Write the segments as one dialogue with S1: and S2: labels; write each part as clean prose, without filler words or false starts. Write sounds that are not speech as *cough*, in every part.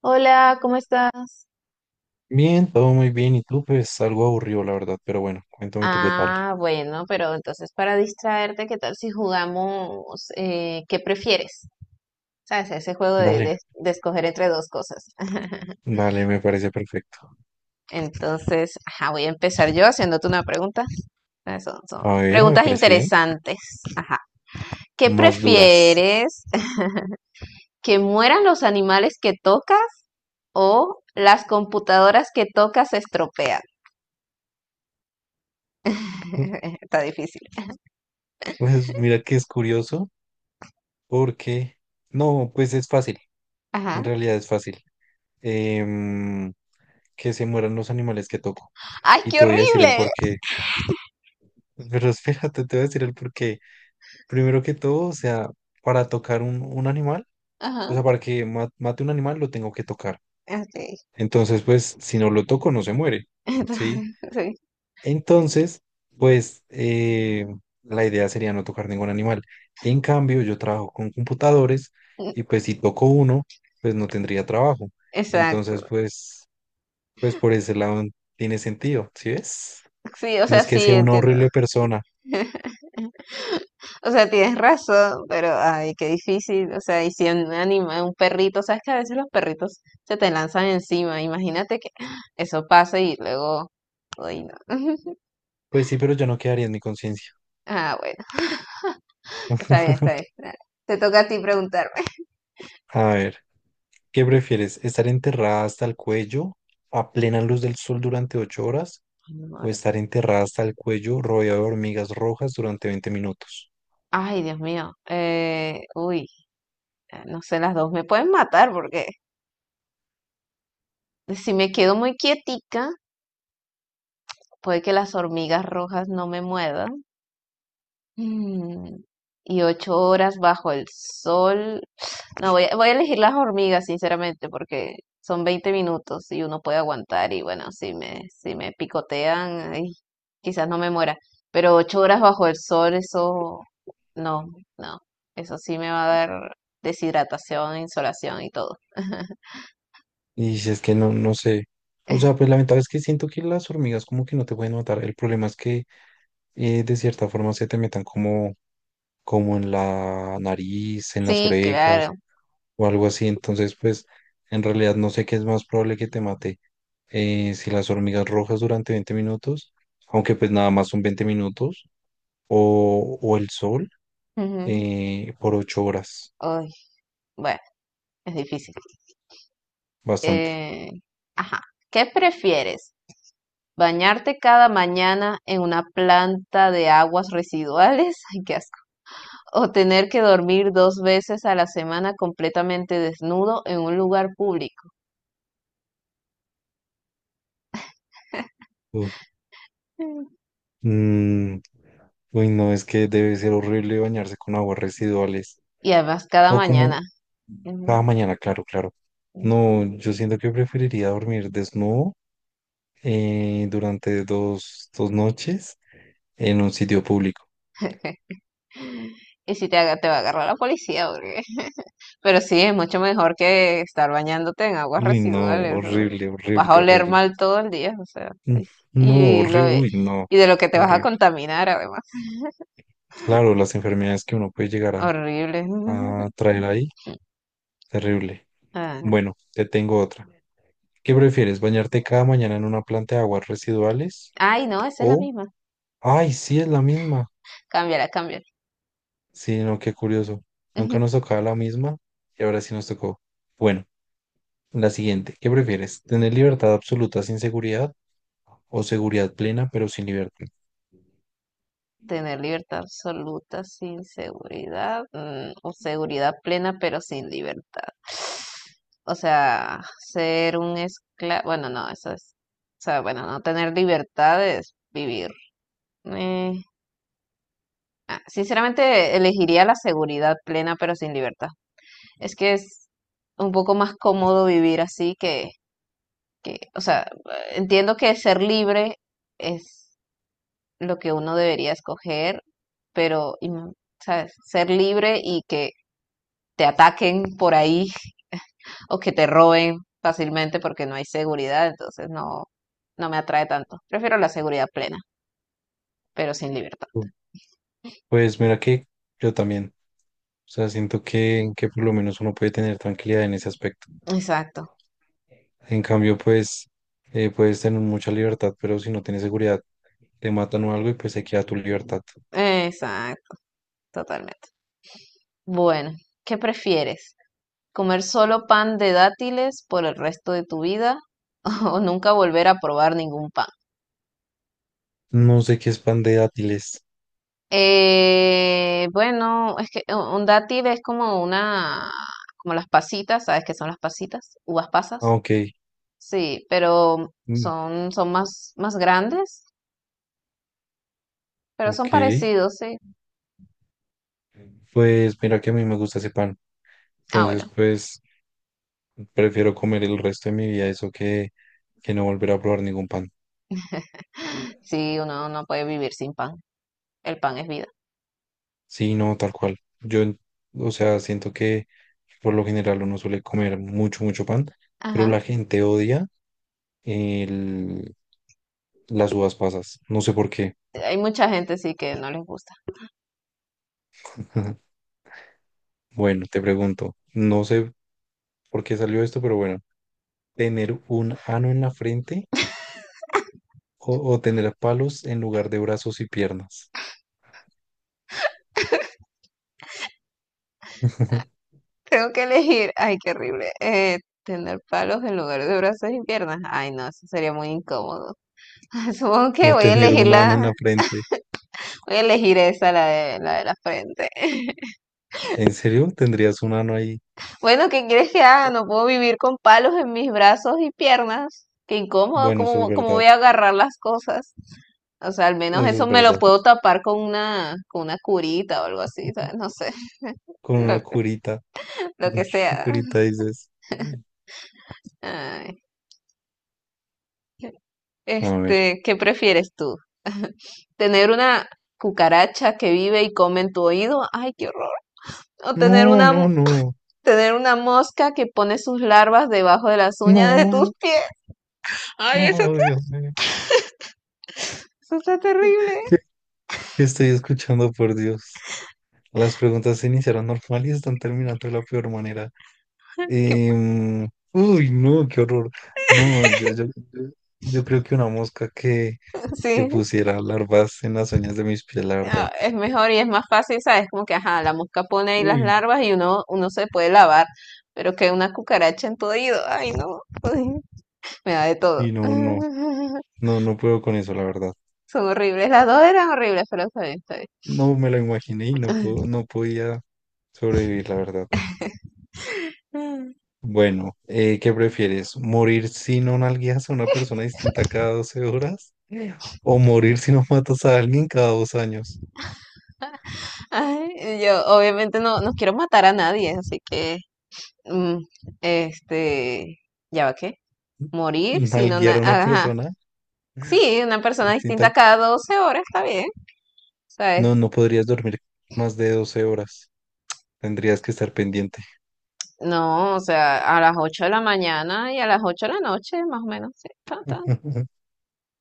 S1: Hola, ¿cómo estás?
S2: Bien, todo muy bien. Y tú, pues algo aburrido, la verdad. Pero bueno, cuéntame tú qué tal.
S1: Ah, bueno, pero entonces para distraerte, ¿qué tal si jugamos qué prefieres? ¿Sabes? Ese juego de,
S2: Dale,
S1: de- de escoger entre dos cosas. *laughs*
S2: dale, me parece perfecto.
S1: Entonces, ajá, voy a empezar yo haciéndote una pregunta. Ah, son
S2: A ver, me
S1: preguntas
S2: parece bien.
S1: interesantes. Ajá. ¿Qué
S2: Más duras.
S1: prefieres? *laughs* ¿Que mueran los animales que tocas o las computadoras que tocas se estropean?
S2: Mm,
S1: *laughs* Está difícil.
S2: Pues mira que es curioso porque... No, pues es fácil. En
S1: Ajá.
S2: realidad es fácil. Em, que se mueran los animales que toco.
S1: ¡Ay,
S2: Y
S1: qué
S2: te voy a decir el
S1: horrible!
S2: porqué. Pero espérate, te voy a decir el porqué. Primero que todo, o sea, para tocar un animal,
S1: Ajá.
S2: o sea, para que mate un animal lo tengo que tocar.
S1: Ok.
S2: Entonces, pues, si no lo toco, no se muere, ¿sí?
S1: Entonces, *laughs*
S2: Entonces, pues, la idea sería no tocar ningún animal. En cambio, yo trabajo con computadores
S1: sí,
S2: y pues si toco uno, pues no tendría trabajo.
S1: exacto.
S2: Entonces, pues por ese lado tiene sentido, ¿sí ves?
S1: Sí, o
S2: No
S1: sea,
S2: es que
S1: sí,
S2: sea una
S1: entiendo.
S2: horrible persona.
S1: *laughs* O sea, tienes razón, pero ay, qué difícil. O sea, y si un animal, un perrito, sabes que a veces los perritos se te lanzan encima. Imagínate que *gasps* eso pasa y luego, uy, no. *laughs*
S2: Pues sí, pero yo no quedaría en mi conciencia.
S1: Ah, bueno, está bien, está bien. Dale. Te toca a ti preguntarme. *laughs*
S2: A ver, ¿qué prefieres? ¿Estar enterrada hasta el cuello a plena luz del sol durante 8 horas
S1: Ay, me
S2: o
S1: muero.
S2: estar enterrada hasta el cuello rodeada de hormigas rojas durante 20 minutos?
S1: Ay, Dios mío. Uy, no sé, las dos me pueden matar porque si me quedo muy quietica, puede que las hormigas rojas no me muevan. Mm, Y 8 horas bajo el sol. No, voy a elegir las hormigas, sinceramente, porque son 20 minutos y uno puede aguantar. Y bueno, si me picotean, ay, quizás no me muera. Pero 8 horas bajo el sol, eso no, no. Eso sí me va a dar deshidratación, insolación y todo. *laughs*
S2: Y si es que no, no sé. O sea, pues la ventaja es que siento que las hormigas como que no te pueden matar. El problema es que de cierta forma se te metan como en la nariz, en las
S1: Sí,
S2: orejas
S1: claro.
S2: o algo así. Entonces, pues en realidad no sé qué es más probable que te mate. Si las hormigas rojas durante 20 minutos, aunque pues nada más son 20 minutos, o, el sol
S1: Ujú.
S2: por 8 horas.
S1: Ay, bueno, es difícil.
S2: Bastante.
S1: Eh, ajá. ¿Qué prefieres? Bañarte cada mañana en una planta de aguas residuales, *laughs* ay, qué asco. O tener que dormir dos veces a la semana completamente desnudo en un lugar público. Mm.
S2: Mm, uy, no, es que debe ser horrible bañarse con aguas residuales.
S1: Y además cada
S2: O como
S1: mañana.
S2: cada
S1: Ujú,
S2: mañana, claro, claro.
S1: ujú.
S2: No, yo siento que preferiría dormir desnudo durante dos noches en un sitio público.
S1: Y si te va a agarrar la policía, porque- *laughs* Pero sí, es mucho mejor que estar bañándote en aguas
S2: Uy, no,
S1: residuales. O sea,
S2: horrible,
S1: vas a
S2: horrible,
S1: oler
S2: horrible.
S1: mal todo el día, o sea.
S2: Mm,
S1: Ay,
S2: no,
S1: Y, lo,
S2: horrible,
S1: de-
S2: uy, no,
S1: y de lo que te vas a
S2: horrible.
S1: contaminar, además.
S2: Claro, las enfermedades que uno puede llegar a,
S1: Horrible.
S2: a
S1: *laughs*
S2: traer ahí, terrible.
S1: Ah.
S2: Bueno, te tengo otra. ¿Qué prefieres, bañarte cada mañana en una planta de aguas residuales?
S1: Ay, no, esa es la
S2: O,
S1: misma.
S2: ay, sí, es la misma.
S1: Cámbiala, cámbiala.
S2: Sí, no, qué curioso. Nunca
S1: Ujú.
S2: nos tocaba la misma y ahora sí nos tocó. Bueno, la siguiente. ¿Qué prefieres? ¿Tener libertad absoluta sin seguridad o seguridad plena pero sin libertad?
S1: Tener libertad absoluta sin seguridad, o seguridad plena pero sin libertad. O sea, ser un esclavo, bueno, no, eso es, o sea, bueno, no tener libertad es vivir. Eh, sinceramente, elegiría la seguridad plena pero sin libertad. Es que es un poco más cómodo vivir así que, o sea, entiendo que ser libre es lo que uno debería escoger, pero, y, ¿sabes? Ser libre y que te ataquen por ahí *laughs* o que te roben fácilmente porque no hay seguridad, entonces no, no me atrae tanto. Prefiero la seguridad plena, pero sin libertad.
S2: Uy. Pues mira que yo también. O sea, siento que por lo menos uno puede tener tranquilidad en ese aspecto.
S1: Exacto,
S2: En cambio, pues puedes tener mucha libertad, pero si no tienes seguridad, te matan o algo y pues se queda tu libertad.
S1: exacto, totalmente. Bueno, ¿qué prefieres? ¿Comer solo pan de dátiles por el resto de tu vida *laughs* o nunca volver a probar ningún pan?
S2: No sé qué es pan de dátiles.
S1: Bueno, es que un dátil es como como las pasitas, ¿sabes qué son las pasitas? Uvas
S2: Ah,
S1: pasas.
S2: ok.
S1: Sí, pero
S2: Mm,
S1: son más grandes, pero son
S2: ok.
S1: parecidos, sí.
S2: Pues mira que a mí me gusta ese pan.
S1: Ah,
S2: Entonces,
S1: bueno,
S2: pues prefiero comer el resto de mi vida eso que no volver a probar ningún pan.
S1: sí, uno no puede vivir sin pan. El pan es vida.
S2: Sí, no, tal cual. Yo, o sea, siento que por lo general uno suele comer mucho, mucho pan, pero
S1: Ajá.
S2: la gente odia el, las uvas pasas. No sé por qué.
S1: Hay mucha gente sí que no les gusta. *laughs*
S2: *laughs* Bueno, te pregunto, no sé por qué salió esto, pero bueno, ¿tener un ano en la frente o tener palos en lugar de brazos y piernas? *laughs*
S1: Tengo que elegir, ay, qué horrible, tener palos en lugar de brazos y piernas. Ay, no, eso sería muy incómodo. *laughs* Supongo que
S2: O
S1: voy a
S2: tener
S1: elegir
S2: un
S1: la,
S2: ano en la frente.
S1: Voy a elegir esa, la de la frente. *laughs*
S2: ¿En serio? ¿Tendrías un ano ahí?
S1: Bueno, ¿qué quieres que haga? No puedo vivir con palos en mis brazos y piernas. Qué incómodo,
S2: Bueno, eso es
S1: ¿cómo
S2: verdad.
S1: voy a agarrar las cosas? O sea, al menos
S2: Eso
S1: eso
S2: es
S1: me lo
S2: verdad.
S1: puedo tapar con una curita o algo así, ¿sabes? No sé, *laughs*
S2: Con
S1: lo,
S2: una curita. *laughs*
S1: lo
S2: Con
S1: que
S2: una
S1: sea.
S2: curita dices.
S1: Ay.
S2: A ver.
S1: Este, ¿qué prefieres tú? ¿Tener una cucaracha que vive y come en tu oído? Ay, qué horror. ¿O tener
S2: No,
S1: una,
S2: no, no.
S1: tener una mosca que pone sus larvas debajo de las uñas de tus
S2: No.
S1: pies? Ay, eso
S2: No, Dios mío.
S1: Eso está terrible.
S2: ¿Qué, qué estoy escuchando, por Dios? Las preguntas se iniciaron normal y están terminando de la peor manera.
S1: *laughs* Que,
S2: Uy, no, qué horror. No, yo creo que una mosca que
S1: sí,
S2: pusiera larvas en las uñas de mis pies, la verdad.
S1: es mejor y es más fácil, ¿sabes? Como que, ajá, la mosca pone ahí las
S2: Uy,
S1: larvas y uno se puede lavar, pero que una cucaracha en tu oído, ay, no, uy, me da de todo.
S2: y no, no.
S1: *laughs*
S2: No, no puedo con eso, la verdad.
S1: Son horribles, las dos eran horribles, pero está bien, está bien.
S2: No me lo imaginé y no puedo, no podía sobrevivir, la verdad.
S1: *laughs*
S2: Bueno, ¿qué prefieres? ¿Morir si no nalgueas a una persona distinta cada 12 horas? ¿O morir si no matas a alguien cada 2 años?
S1: Ay, yo obviamente no, no quiero matar a nadie, así que, mm, este, ¿ya va qué? Morir, sino,
S2: ¿Nalguear a una
S1: ajá,
S2: persona
S1: sí, una persona
S2: distinta?
S1: distinta cada 12 horas, está bien. O sea,
S2: No, no podrías dormir más de 12 horas. Tendrías que estar pendiente.
S1: no, o sea, a las 8 de la mañana y a las 8 de la noche, más o menos, sí, ta, ta.
S2: *laughs*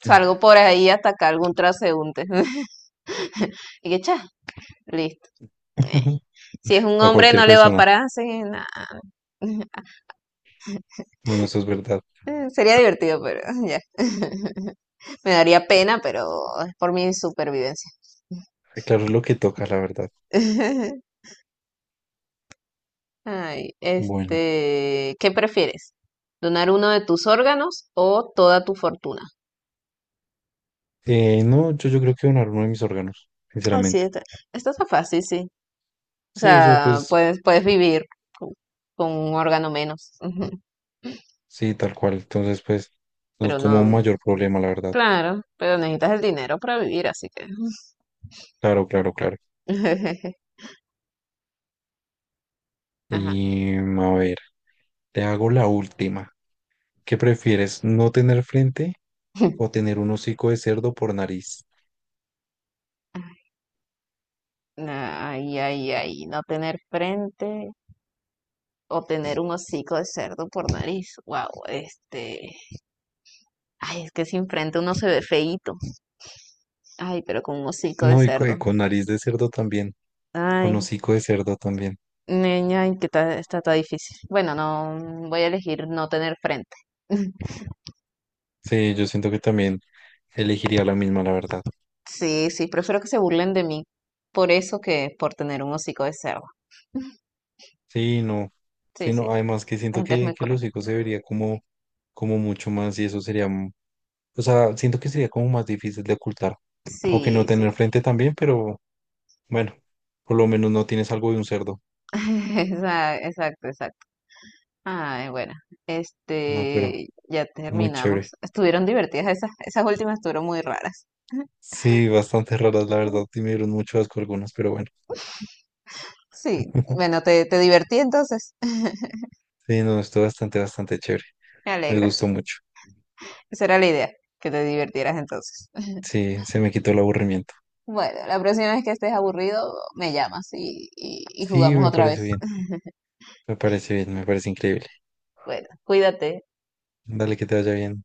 S1: Salgo por ahí a atacar algún transeúnte. *laughs* Y que, cha, listo. Eh, Si es un
S2: A
S1: hombre,
S2: cualquier
S1: no le va a
S2: persona.
S1: parar, así, que nada.
S2: Bueno, eso es verdad.
S1: *laughs* Sería divertido, pero *laughs* ya. *laughs* Me daría pena, pero es por mi supervivencia.
S2: Claro, es lo que toca, la verdad.
S1: *laughs* Ay,
S2: Bueno.
S1: este, ¿qué prefieres? ¿Donar uno de tus órganos o toda tu fortuna?
S2: No, yo creo que donar uno de mis órganos,
S1: Ay, sí,
S2: sinceramente.
S1: esta está fácil, sí. O
S2: Sí, o sea,
S1: sea,
S2: pues
S1: puedes vivir con, con un órgano menos, ujú,
S2: sí, tal cual. Entonces, pues no es
S1: pero
S2: como un
S1: no,
S2: mayor problema, la verdad.
S1: claro, pero necesitas el dinero para vivir, así que...
S2: Claro, claro, claro.
S1: *laughs* Ajá.
S2: Y a ver, te hago la última. ¿Qué prefieres, no tener frente o
S1: *laughs*
S2: tener un hocico de cerdo por nariz?
S1: Ay, ay, ay, no tener frente o tener un hocico de cerdo por nariz. Wow, este. Ay, es que sin frente uno se ve feíto. Ay, pero con un hocico de
S2: No, y
S1: cerdo.
S2: con, nariz de cerdo también, con
S1: Ay,
S2: hocico de cerdo también.
S1: niña, ay, que está tan difícil. Bueno, no, voy a elegir no tener frente. *laughs*
S2: Sí, yo siento que también elegiría la misma, la verdad.
S1: Sí, sí, prefiero que se burlen de mí por eso que por tener un hocico de cerdo. *laughs*
S2: Sí, no. Sí,
S1: Sí, sí,
S2: no, además que
S1: la
S2: siento
S1: gente es
S2: que,
S1: muy
S2: que el
S1: cruel.
S2: hocico se vería como mucho más y eso sería. O sea, siento que sería como más difícil de ocultar. Aunque no
S1: Sí, sí.
S2: tener frente también, pero bueno, por lo menos no tienes algo de un cerdo.
S1: *laughs* Exacto, exacto. Ay, bueno,
S2: No, pero
S1: este, ya
S2: muy chévere.
S1: terminamos. Estuvieron divertidas esas últimas estuvieron muy raras.
S2: Sí, bastante raras, la verdad. Y
S1: *laughs*
S2: me dieron mucho asco algunas, pero bueno.
S1: Sí,
S2: *laughs*
S1: bueno, te divertí entonces. *laughs*
S2: Sí, no, estuvo bastante, bastante chévere.
S1: Me
S2: Me
S1: alegro.
S2: gustó mucho.
S1: Esa era la idea, que te divirtieras entonces. *laughs*
S2: Sí, se me quitó el aburrimiento.
S1: Bueno, la próxima vez que estés aburrido, me llamas y
S2: Sí,
S1: jugamos
S2: me
S1: otra
S2: parece
S1: vez.
S2: bien.
S1: *laughs*
S2: Me parece bien, me parece increíble.
S1: Bueno, cuídate.
S2: Dale, que te vaya bien.